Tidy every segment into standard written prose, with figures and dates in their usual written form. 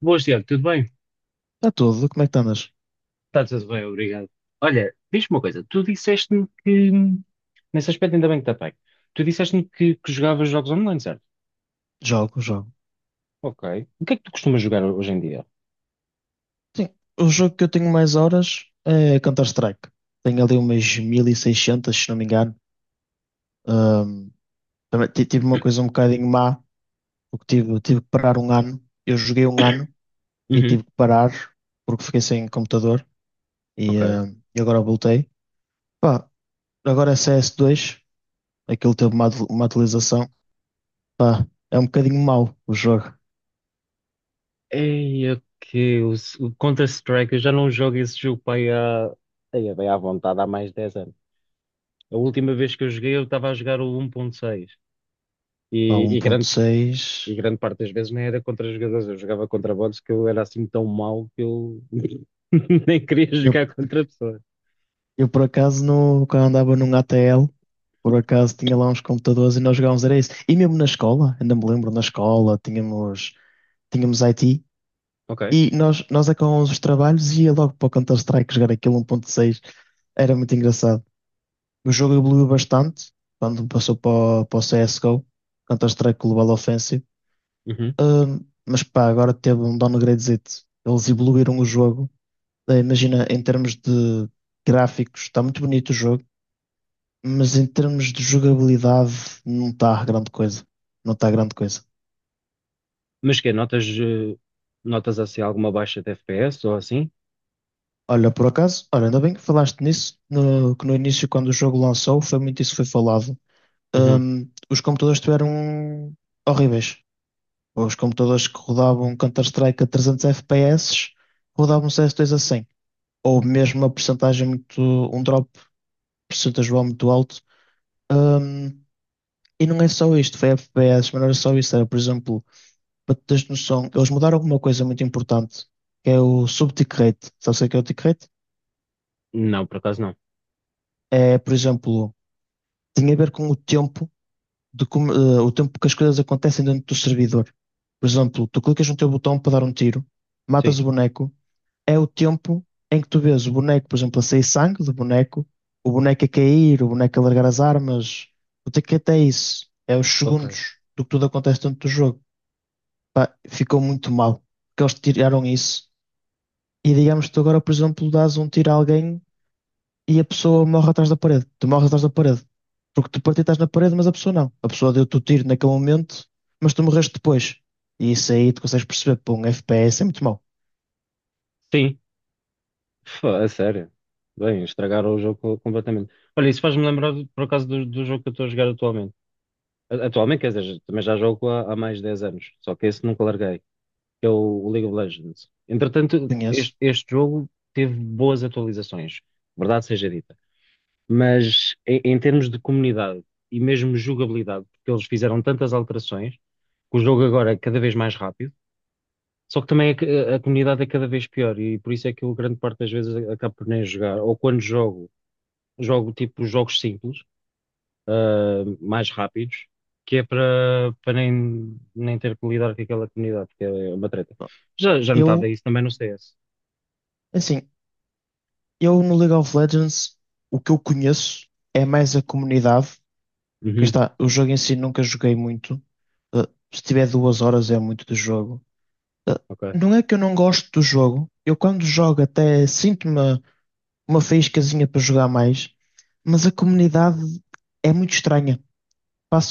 Boas, Tiago, tudo bem? Está tudo, como é que tu andas? Está tudo bem, obrigado. Olha, diz-me uma coisa, nesse aspecto ainda bem que está bem, tu disseste-me que jogavas jogos online, certo? Jogo, jogo. Ok. O que é que tu costumas jogar hoje em dia? Sim, o jogo que eu tenho mais horas é Counter-Strike. Tenho ali umas 1600 se não me engano. Ahm, Também tive uma coisa um bocadinho má, porque tive que parar um ano. Eu joguei um ano e Uhum, tive que parar porque fiquei sem computador e, ok. ahm, e agora voltei. Pá, agora é CS2, aquilo teve uma atualização. Pá, é um bocadinho mau o jogo. Ei, ok. O Counter-Strike, eu já não jogo esse jogo para aí há. Ei, é bem à vontade, há mais de 10 anos. A última vez que eu joguei, eu estava a jogar o um 1.6. Pá, E, um e, ponto grande, e seis grande parte das vezes nem era contra jogadores, eu jogava contra bots que eu era assim tão mau que eu nem queria jogar contra a pessoa. Eu por acaso no, quando andava num ATL, por acaso tinha lá uns computadores e nós jogávamos, era isso. E mesmo na escola, ainda me lembro, na escola tínhamos IT Ok. e nós acabávamos os trabalhos e ia logo para o Counter-Strike jogar aquilo 1.6. Era muito engraçado. O jogo evoluiu bastante quando passou para o CSGO, Counter-Strike Global Offensive. Uhum. Ahm, mas pá, agora teve um downgradezito. Eles evoluíram o jogo. Imagina, em termos de gráficos, está muito bonito o jogo, mas em termos de jogabilidade não está grande coisa. Não está grande coisa. Mas que notas, notas assim alguma baixa de FPS ou assim? Olha, por acaso, olha, ainda bem que falaste nisso, que no início, quando o jogo lançou, foi muito isso que foi falado. Uhum. Os computadores estiveram horríveis. Os computadores que rodavam Counter-Strike a 300 FPS rodavam CS2 a 100. Ou mesmo uma percentagem muito, um drop percentual muito alto. Hum, e não é só isto, foi FPS, mas não era só isso. Era, por exemplo, para tu teres noção, eles mudaram alguma coisa muito importante, que é o sub-tick rate. Sabes o que é o tick rate? Não, por acaso não. É, por exemplo, tem a ver com o tempo de como, o tempo que as coisas acontecem dentro do servidor. Por exemplo, tu clicas no teu botão para dar um tiro, Sim. matas o boneco, é o tempo em que tu vês o boneco, por exemplo, a sair sangue do boneco, o boneco a cair, o boneco a largar as armas. O tick rate é isso, é os Ok. segundos do que tudo acontece dentro do jogo. Pá, ficou muito mal, porque eles tiraram isso. E digamos que tu agora, por exemplo, dás um tiro a alguém e a pessoa morre atrás da parede. Tu morres atrás da parede. Porque tu partiste na parede, mas a pessoa não. A pessoa deu-te o tiro naquele momento, mas tu morreste depois. E isso aí tu consegues perceber, pô, um FPS é muito mau. Sim, fô, a sério. Bem, estragaram o jogo co- completamente. Olha, isso faz-me lembrar, por acaso, do jogo que eu estou a jogar atualmente. A- Atualmente, quer dizer, também já jogo há mais de 10 anos, só que esse nunca larguei, que é o League of Legends. Entretanto, Conheço. este jogo teve boas atualizações, verdade seja dita. Mas em termos de comunidade e mesmo jogabilidade, porque eles fizeram tantas alterações, que o jogo agora é cada vez mais rápido, só que também a comunidade é cada vez pior e por isso é que eu grande parte das vezes acabo por nem jogar, ou quando jogo, jogo tipo jogos simples, mais rápidos, que é para nem, nem ter que lidar com aquela comunidade, que é uma treta. Já notava Eu, isso também no CS. assim, eu no League of Legends, o que eu conheço é mais a comunidade. Que Uhum, está, o jogo em si nunca joguei muito. Se tiver 2 horas é muito do jogo. Ah, ok. Não é que eu não gosto do jogo. Eu quando jogo até sinto-me uma faíscazinha para jogar mais, mas a comunidade é muito estranha.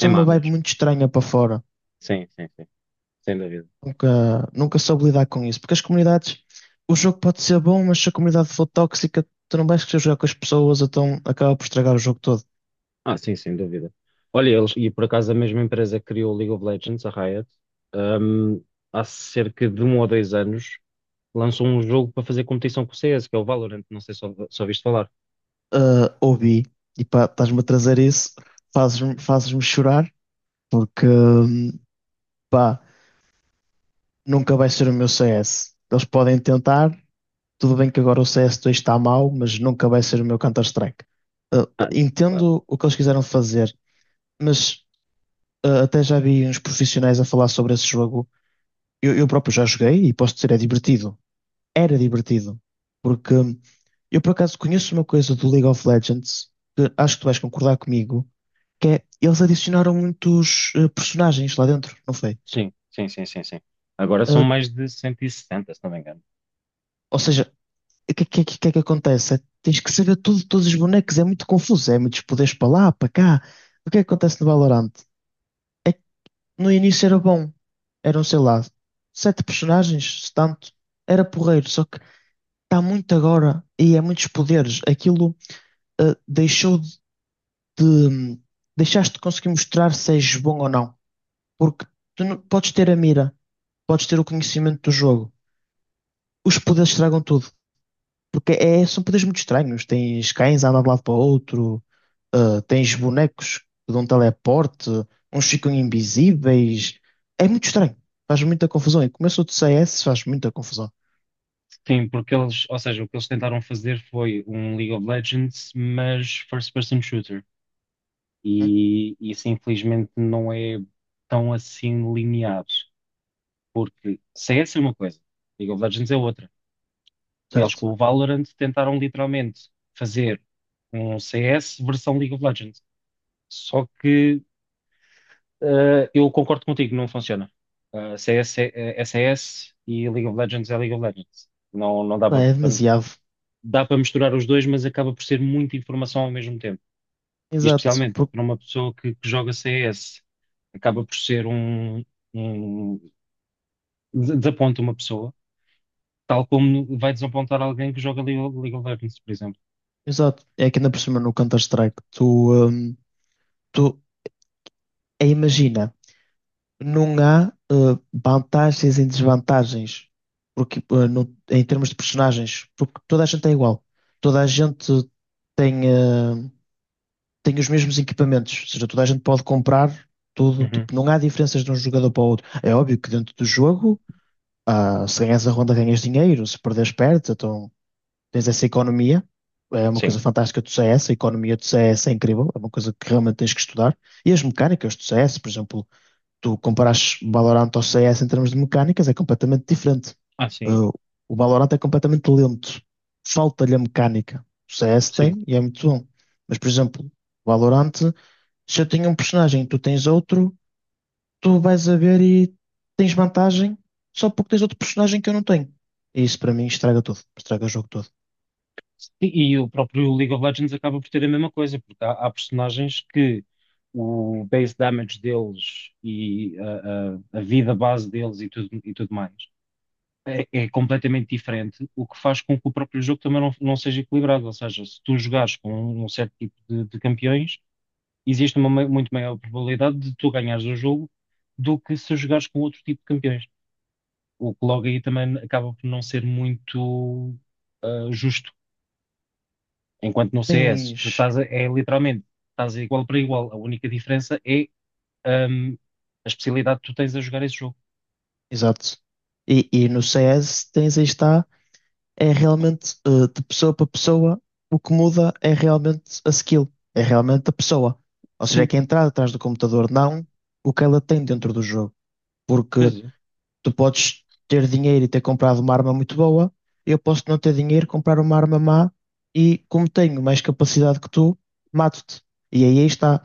É má uma vibe mesmo. muito estranha para fora. Sim, sim, sim. Sem dúvida. Nunca soube lidar com isso, porque as comunidades, o jogo pode ser bom, mas se a comunidade for tóxica, tu não vais querer jogar com as pessoas, então acaba por estragar o jogo todo. Ah, sim, sem dúvida. Olha, eles, e por acaso a mesma empresa que criou o League of Legends, a Riot, hum, há cerca de um ou dois anos lançou um jogo para fazer competição com o CS, que é o Valorant. Não sei se ouvi- ouviste falar. Ah, ouvi, e pá, estás-me a trazer isso, fazes-me chorar, porque pá, nunca vai ser o meu CS. Eles podem tentar. Tudo bem que agora o CS2 está mal, mas nunca vai ser o meu Counter-Strike. Uh, Ah, claro. Entendo o que eles quiseram fazer, mas até já vi uns profissionais a falar sobre esse jogo. Eu próprio já joguei e posso dizer, é divertido. Era divertido. Porque eu, por acaso, conheço uma coisa do League of Legends, que acho que tu vais concordar comigo, que é eles adicionaram muitos personagens lá dentro, não foi? Sim, sim, sim, sim, sim. Agora são Uh, mais de 170, se não me engano. ou seja, o que é que acontece? É, tens que saber tudo, de todos os bonecos, é muito confuso, é muitos poderes para lá, para cá. O que é que acontece no Valorant? No início era bom, eram, sei lá, sete personagens, se tanto, era porreiro, só que está muito agora e é muitos poderes. Aquilo deixou de. Deixaste de conseguir mostrar se és bom ou não, porque tu não, podes ter a mira, podes ter o conhecimento do jogo, os poderes estragam tudo. Porque são poderes muito estranhos. Tens cães a andar de um lado para o outro, tens bonecos que dão teleporte, uns ficam invisíveis. É muito estranho. Faz muita confusão. E começou de CS, faz muita confusão. Sim, porque eles, ou seja, o que eles tentaram fazer foi um League of Legends, mas first person shooter. Hum? E isso infelizmente não é tão assim linear. Porque CS é uma coisa, League of Legends é outra. Eles Certo. com o Valorant tentaram literalmente fazer um CS versão League of Legends. Só que eu concordo contigo, não funciona. CS é CS e League of Legends é League of Legends. Não dá Não, para é demasiado. dá para misturar os dois, mas acaba por ser muita informação ao mesmo tempo. E Exato. especialmente para uma pessoa que joga CS, acaba por ser um desaponta uma pessoa. Tal como vai desapontar alguém que joga League of Legends, por exemplo. Exato. É que ainda por cima no Counter-Strike, hum, tu imagina. Não há vantagens e desvantagens porque, em termos de personagens, porque toda a gente é igual. Toda a gente tem, eh, tem os mesmos equipamentos, ou seja, toda a gente pode comprar tudo. Uhum. Tipo, não há diferenças de um jogador para o outro. É óbvio que dentro do jogo, se ganhas a ronda, ganhas dinheiro, se perderes, perdes, então tens essa economia. É uma coisa Sim. fantástica do CS, a economia do CS é incrível, é uma coisa que realmente tens que estudar. E as mecânicas do CS, por exemplo, tu comparas Valorant ao CS em termos de mecânicas, é completamente diferente. Ah, sim, Uh, o Valorant é completamente lento, falta-lhe a mecânica. O CS sim. tem e é muito bom. Mas, por exemplo, o Valorant, se eu tenho um personagem e tu tens outro, tu vais a ver e tens vantagem só porque tens outro personagem que eu não tenho. E isso para mim estraga tudo, estraga o jogo todo. E o próprio League of Legends acaba por ter a mesma coisa, porque há personagens que o base damage deles e a vida base deles e tudo mais é completamente diferente, o que faz com que o próprio jogo também não seja equilibrado. Ou seja, se tu jogares com um certo tipo de campeões, existe uma mai- muito maior probabilidade de tu ganhares o jogo do que se jogares com outro tipo de campeões. O que logo aí também acaba por não ser muito justo. Enquanto no CS, tu Tens. estás a- é literalmente, estás igual para igual. A única diferença é ahm, a especialidade que tu tens a jogar esse jogo. Exato. E no CS tens aí está é realmente de pessoa para pessoa, o que muda é realmente a skill, é realmente a pessoa. Ou seja, é Sim, que a entrada atrás do computador, não o que ela tem dentro do jogo. Porque pois é. tu podes ter dinheiro e ter comprado uma arma muito boa, eu posso não ter dinheiro, comprar uma arma má e, como tenho mais capacidade que tu, mato-te. E aí está.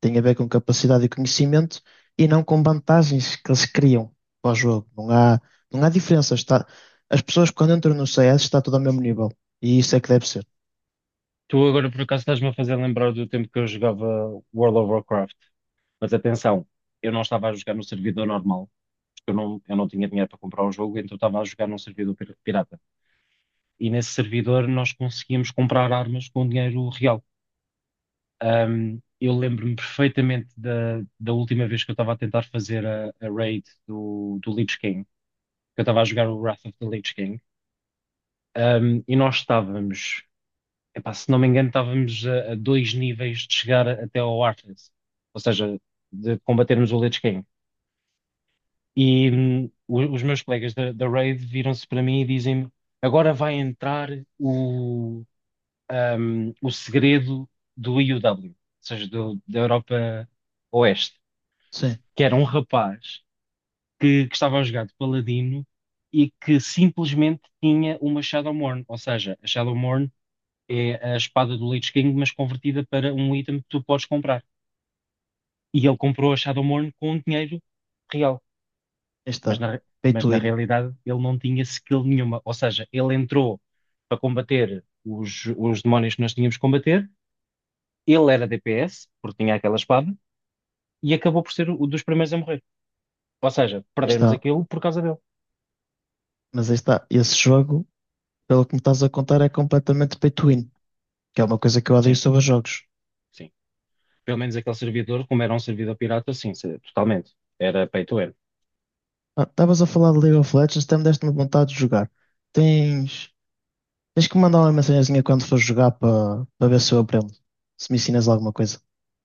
Tem a ver com capacidade e conhecimento e não com vantagens que eles criam para o jogo. Não há, não há diferença. Está, as pessoas quando entram no CS está tudo ao mesmo nível. E isso é que deve ser. Tu agora por acaso estás-me a fazer lembrar do tempo que eu jogava World of Warcraft. Mas atenção, eu não estava a jogar no servidor normal, porque eu não tinha dinheiro para comprar um jogo, então eu estava a jogar num servidor pir- pirata. E nesse servidor nós conseguíamos comprar armas com dinheiro real. Um, eu lembro-me perfeitamente da última vez que eu estava a tentar fazer a raid do Lich King, que eu estava a jogar o Wrath of the Lich King. E nós estávamos, epá, se não me engano, estávamos a dois níveis de chegar a- até ao Arthas, ou seja, de combatermos o Lich King. E os meus colegas da raid viram-se para mim e dizem-me: agora vai entrar o, o segredo do EUW, ou seja, do- da Europa Oeste. Sim, aí Que era um rapaz que estava a jogar de paladino e que simplesmente tinha uma Shadowmourne. Ou seja, a Shadowmourne é a espada do Lich King, mas convertida para um item que tu podes comprar. E ele comprou a Shadowmourne com dinheiro real. Mas está. na, Pay mas to na win. realidade ele não tinha skill nenhuma. Ou seja, ele entrou para combater os demónios que nós tínhamos que combater. Ele era DPS, porque tinha aquela espada, e acabou por ser o dos primeiros a morrer. Ou seja, Aí perdemos está. aquilo por causa dele. Mas aí está. Esse jogo, pelo que me estás a contar, é completamente pay to win, que é uma coisa que eu odeio Sim, sobre os jogos. sim. Pelo menos aquele servidor, como era um servidor pirata, sim, se- totalmente. Era pay to earn. Ah, estavas a falar de League of Legends, até me deste-me vontade de jogar. Tens, tens que me mandar uma mensagenzinha quando for jogar para ver se eu aprendo. Se me ensinas alguma coisa.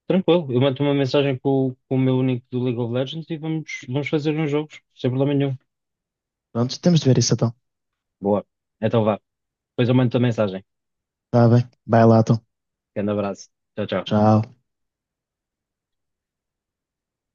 Tranquilo, eu mando uma mensagem com o meu único do League of Legends e vamos, vamos fazer uns jogos, sem problema nenhum. Pronto, temos de ver isso então. Boa. Então vá. Depois eu mando a mensagem. Tá bem. Vai lá, então. Grande abraço. Tchau, tchau. Tchau.